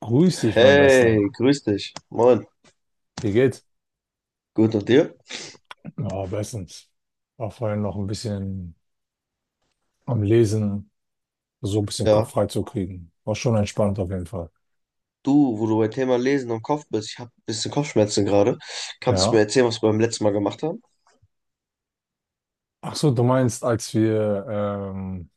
Grüß dich, mein Bester. Hey, grüß dich. Moin. Wie geht's? Gut und dir? Ja, bestens. War vorhin noch ein bisschen am Lesen, so ein bisschen Kopf Ja. frei zu kriegen. War schon entspannt auf jeden Fall. Du, wo du beim Thema Lesen und Kopf bist, ich habe ein bisschen Kopfschmerzen gerade. Kannst du mir Ja. erzählen, was wir beim letzten Mal gemacht haben? Ach so, du meinst, als wir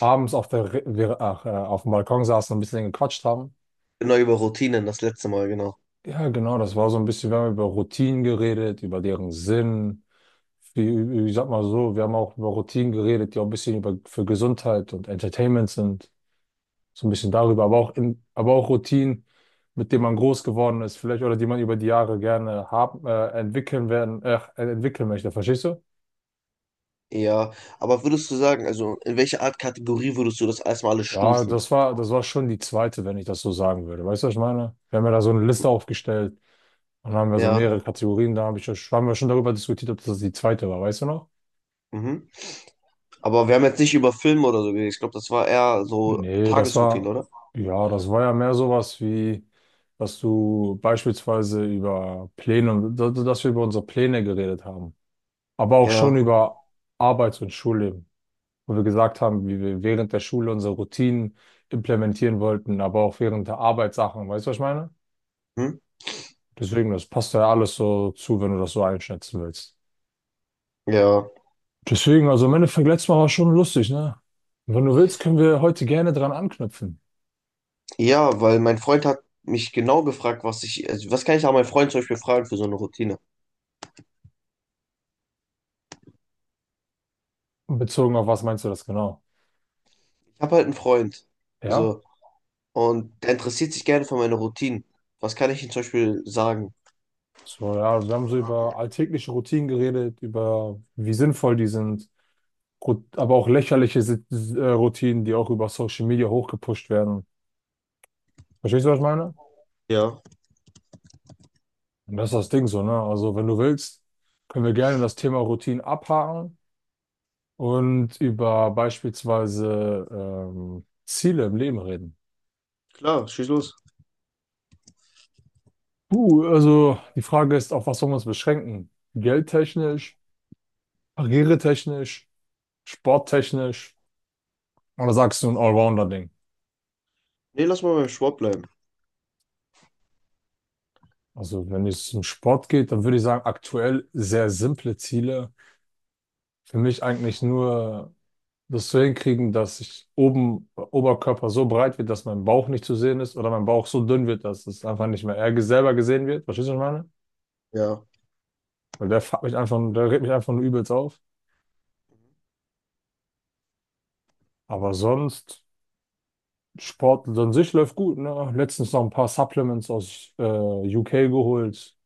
abends auf der, Re- wir, ach, auf dem Balkon saßen und ein bisschen gequatscht haben? Genau, über Routinen, das letzte Mal, genau. Ja, genau. Das war so ein bisschen, wir haben über Routinen geredet, über deren Sinn. Wie, ich sag mal so, wir haben auch über Routinen geredet, die auch ein bisschen über, für Gesundheit und Entertainment sind. So ein bisschen darüber, aber auch in, aber auch Routinen, mit denen man groß geworden ist, vielleicht oder die man über die Jahre gerne haben, entwickeln werden, entwickeln möchte. Verstehst du? Ja, aber würdest du sagen, also in welche Art Kategorie würdest du das erstmal alles Ja, stufen? Das war schon die zweite, wenn ich das so sagen würde. Weißt du, was ich meine? Wir haben ja da so eine Liste aufgestellt und dann haben wir so Ja. mehrere Kategorien, da haben wir schon darüber diskutiert, ob das die zweite war, weißt du noch? Mhm. Aber wir haben jetzt nicht über Filme oder so geredet. Ich glaube, das war eher so Nee, Tagesroutine, oder? ja, das war ja mehr sowas wie, dass du beispielsweise über Pläne, dass wir über unsere Pläne geredet haben, aber auch schon Ja. über Arbeits- und Schulleben, wo wir gesagt haben, wie wir während der Schule unsere Routinen implementieren wollten, aber auch während der Arbeitssachen. Weißt du, was ich meine? Hm? Deswegen, das passt ja alles so zu, wenn du das so einschätzen willst. Ja. Deswegen, also im Endeffekt, letztes Mal war schon lustig, ne? Und wenn du willst, können wir heute gerne dran anknüpfen. Ja, weil mein Freund hat mich genau gefragt, was ich, also was kann ich auch meinen Freund zum Beispiel fragen für so eine Routine? Bezogen auf was meinst du das genau? Ich habe halt einen Freund, Ja? so, und der interessiert sich gerne für meine Routinen. Was kann ich ihm zum Beispiel sagen? So, ja, wir haben so über alltägliche Routinen geredet, über wie sinnvoll die sind, aber auch lächerliche Routinen, die auch über Social Media hochgepusht werden. Verstehst du, was ich meine? Ja, Und das ist das Ding so, ne? Also, wenn du willst, können wir gerne das Thema Routinen abhaken und über beispielsweise Ziele im Leben reden. klar, schieß los. Puh, also die Frage ist, auf was sollen wir uns beschränken? Geldtechnisch, karrieretechnisch, sporttechnisch oder sagst du ein Allrounder-Ding? Nee, lass mal beim Sport bleiben. Also, wenn es um Sport geht, dann würde ich sagen, aktuell sehr simple Ziele. Für mich eigentlich nur das so hinkriegen, dass ich oben Oberkörper so breit wird, dass mein Bauch nicht zu sehen ist oder mein Bauch so dünn wird, dass es einfach nicht mehr er selber gesehen wird. Verstehst du, was ich meine? Ja, Weil der fuckt mich einfach, der regt mich einfach nur übelst auf. Aber sonst, Sport an sich läuft gut, ne? Letztens noch ein paar Supplements aus UK geholt.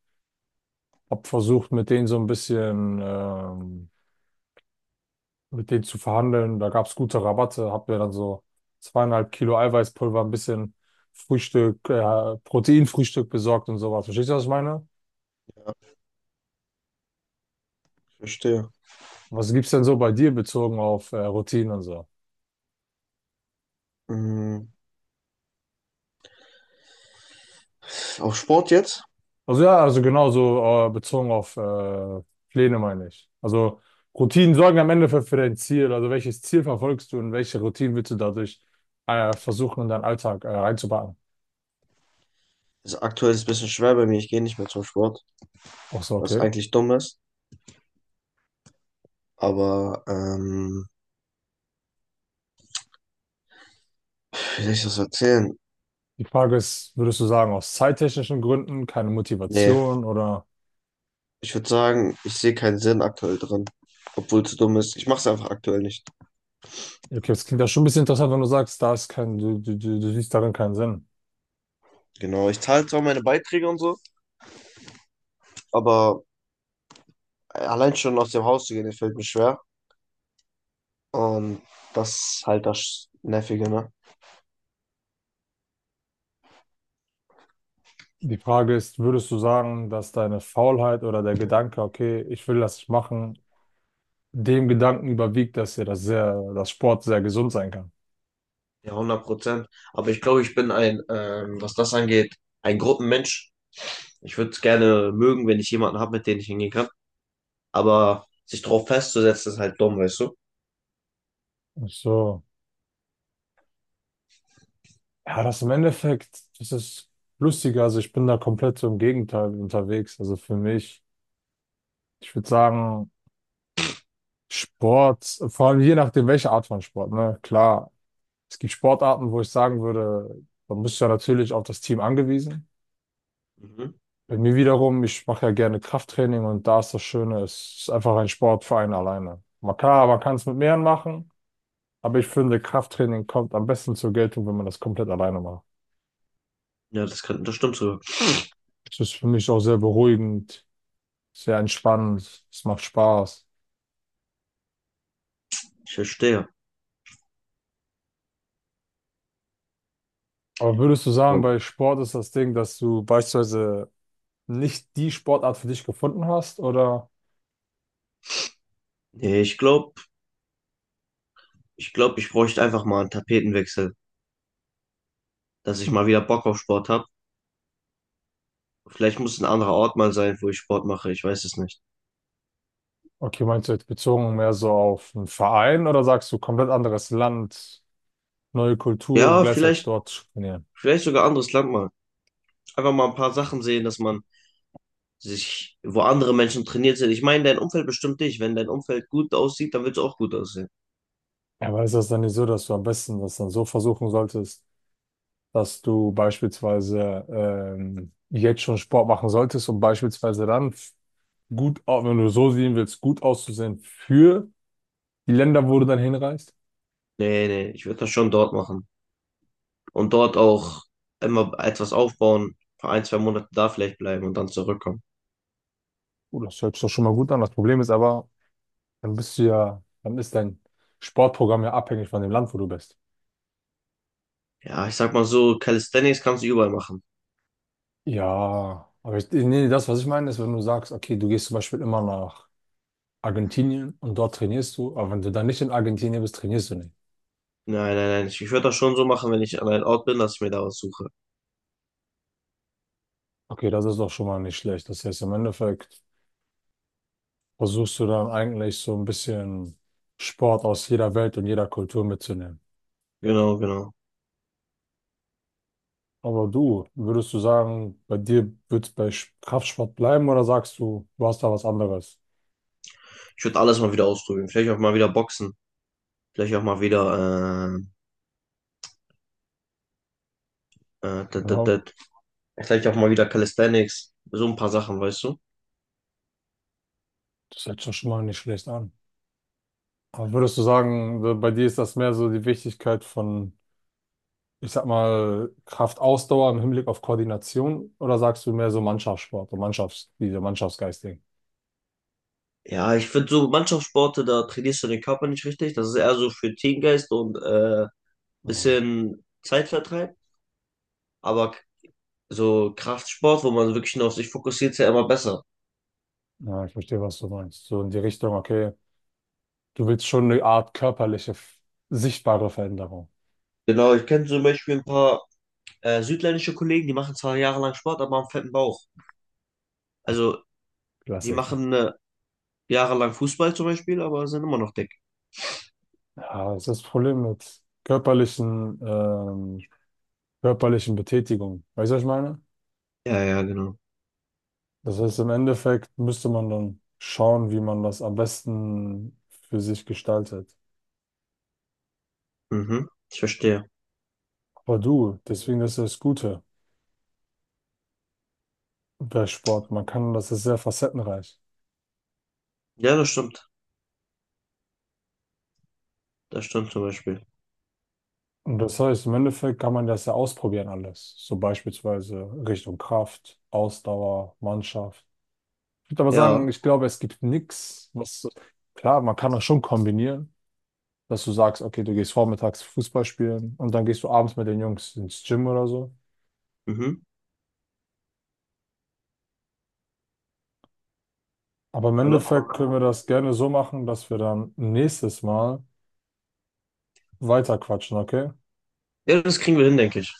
Hab versucht, mit denen so ein bisschen mit denen zu verhandeln. Da gab es gute Rabatte, hab mir dann so zweieinhalb Kilo Eiweißpulver, ein bisschen Proteinfrühstück besorgt und sowas. Verstehst du, was ich meine? ich verstehe. Was gibt's denn so bei dir bezogen auf Routinen und so? Mhm. Auf Sport jetzt? Also ja, also genauso bezogen auf Pläne meine ich. Also Routinen sorgen am Ende für dein Ziel. Also welches Ziel verfolgst du und welche Routinen willst du dadurch versuchen, in deinen Alltag reinzubauen? Also aktuell ist es ein bisschen schwer bei mir, ich gehe nicht mehr zum Sport, Ach so, was okay. eigentlich dumm ist. Aber, wie soll ich das erzählen? Die Frage ist, würdest du sagen, aus zeittechnischen Gründen keine Nee, Motivation oder ich würde sagen, ich sehe keinen Sinn aktuell drin, obwohl es dumm ist. Ich mache es einfach aktuell nicht. okay, das klingt ja schon ein bisschen interessant, wenn du sagst, da ist kein, du siehst darin keinen Sinn. Genau, ich zahle zwar meine Beiträge und so, aber allein schon aus dem Haus zu gehen, das fällt mir schwer. Und das ist halt das Nervige, ne? Die Frage ist, würdest du sagen, dass deine Faulheit oder der Gedanke, okay, ich will das nicht machen, dem Gedanken überwiegt, dass dir das sehr, dass Sport sehr gesund sein kann? Ja, 100%. Aber ich glaube, ich bin ein, was das angeht, ein Gruppenmensch. Ich würde es gerne mögen, wenn ich jemanden habe, mit dem ich hingehen kann. Aber sich drauf festzusetzen, ist halt dumm, weißt du? Ach so. Ja, das im Endeffekt, das ist lustiger. Also ich bin da komplett so im Gegenteil unterwegs. Also für mich. Ich würde sagen, Sport, vor allem je nachdem, welche Art von Sport, ne? Klar, es gibt Sportarten, wo ich sagen würde, man ist ja natürlich auf das Team angewiesen. Mhm. Bei mir wiederum, ich mache ja gerne Krafttraining und da ist das Schöne, es ist einfach ein Sport für einen alleine. Man kann es mit mehreren machen, aber ich finde, Krafttraining kommt am besten zur Geltung, wenn man das komplett alleine macht. Ja, das kann, das stimmt so. Es ist für mich auch sehr beruhigend, sehr entspannend, es macht Spaß. Ich verstehe. Aber würdest du sagen, Und, bei Sport ist das Ding, dass du beispielsweise nicht die Sportart für dich gefunden hast? Oder, nee, ich glaube, ich bräuchte einfach mal einen Tapetenwechsel, dass ich mal wieder Bock auf Sport habe. Vielleicht muss ein anderer Ort mal sein, wo ich Sport mache. Ich weiß es nicht. okay, meinst du jetzt bezogen mehr so auf einen Verein oder sagst du komplett anderes Land, neue Kultur und Ja, gleichzeitig vielleicht, dort zu trainieren? vielleicht sogar anderes Land mal. Einfach mal ein paar Sachen sehen, dass man sich, wo andere Menschen trainiert sind. Ich meine, dein Umfeld bestimmt dich. Wenn dein Umfeld gut aussieht, dann willst du auch gut aussehen. Ja, aber ist das dann nicht so, dass du am besten das dann so versuchen solltest, dass du beispielsweise jetzt schon Sport machen solltest, um beispielsweise gut, wenn du so sehen willst, gut auszusehen für die Länder, wo du dann hinreist? Nee, nee, ich würde das schon dort machen. Und dort auch immer etwas aufbauen, für ein, zwei Monate da vielleicht bleiben und dann zurückkommen. Oh, das hört sich doch schon mal gut an. Das Problem ist aber, dann bist du ja, dann ist dein Sportprogramm ja abhängig von dem Land, wo du bist. Ja, ich sag mal so, Calisthenics kannst du überall machen. Ja, aber ich, nee, nee, das, was ich meine, ist, wenn du sagst, okay, du gehst zum Beispiel immer nach Argentinien und dort trainierst du, aber wenn du dann nicht in Argentinien bist, trainierst du nicht. Nein, nein, nein. Ich würde das schon so machen, wenn ich an einem Ort bin, dass ich mir da was suche. Okay, das ist doch schon mal nicht schlecht. Das heißt, im Endeffekt versuchst du dann eigentlich so ein bisschen Sport aus jeder Welt und jeder Kultur mitzunehmen. Genau, genau. Aber du, würdest du sagen, bei dir wird es bei Kraftsport bleiben oder sagst du, du hast da was anderes? Ich würde alles mal wieder ausprobieren. Vielleicht auch mal wieder Boxen. Vielleicht auch mal wieder, dat, dat, Ja, dat. Vielleicht auch mal wieder Calisthenics, so ein paar Sachen, weißt du? das hört sich doch schon mal nicht schlecht an. Aber würdest du sagen, so bei dir ist das mehr so die Wichtigkeit von, ich sag mal, Kraftausdauer im Hinblick auf Koordination oder sagst du mehr so Mannschaftssport, so Mannschafts, diese Mannschaftsgeisting? Ja, ich finde so Mannschaftssporte, da trainierst du den Körper nicht richtig. Das ist eher so für Teamgeist und Ja, bisschen Zeitvertreib. Aber so Kraftsport, wo man wirklich nur auf sich fokussiert, ist ja immer besser. ja, ich verstehe, was du meinst. So in die Richtung, okay, du willst schon eine Art sichtbare Veränderung. Genau, ich kenne zum Beispiel ein paar südländische Kollegen, die machen zwar jahrelang Sport, aber haben fetten Bauch. Also die Klassiker. machen jahrelang Fußball zum Beispiel, aber sind immer noch dick. Ja, das ist das Problem mit körperlichen, körperlichen Betätigungen. Weißt du, was ich meine? Ja, ja, genau. Das heißt, im Endeffekt müsste man dann schauen, wie man das am besten für sich gestaltet. Mhm, ich verstehe. Boah, du, deswegen das ist das Gute bei Sport. Man kann, das ist sehr facettenreich. Ja, das stimmt. Das stimmt zum Beispiel. Und das heißt, im Endeffekt kann man das ja ausprobieren alles. So beispielsweise Richtung Kraft, Ausdauer, Mannschaft. Ich würde aber sagen, Ja. ich glaube, es gibt nichts, was, so, klar, man kann das schon kombinieren, dass du sagst, okay, du gehst vormittags Fußball spielen und dann gehst du abends mit den Jungs ins Gym oder so. Mhm. Aber im Hallo? Aber Endeffekt wenn können man wir das das. gerne so machen, dass wir dann nächstes Mal weiterquatschen, okay? Ja, das kriegen wir hin, denke ich.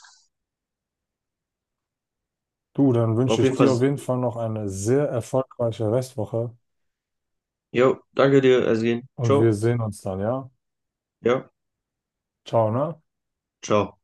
Du, dann War wünsche auf ich jeden gut dir auf Fall, jeden dann. Fall noch eine sehr erfolgreiche Restwoche Jo, danke dir, Ersin. und Ciao. wir sehen uns dann, ja? Ja, Ciao, ne? ciao.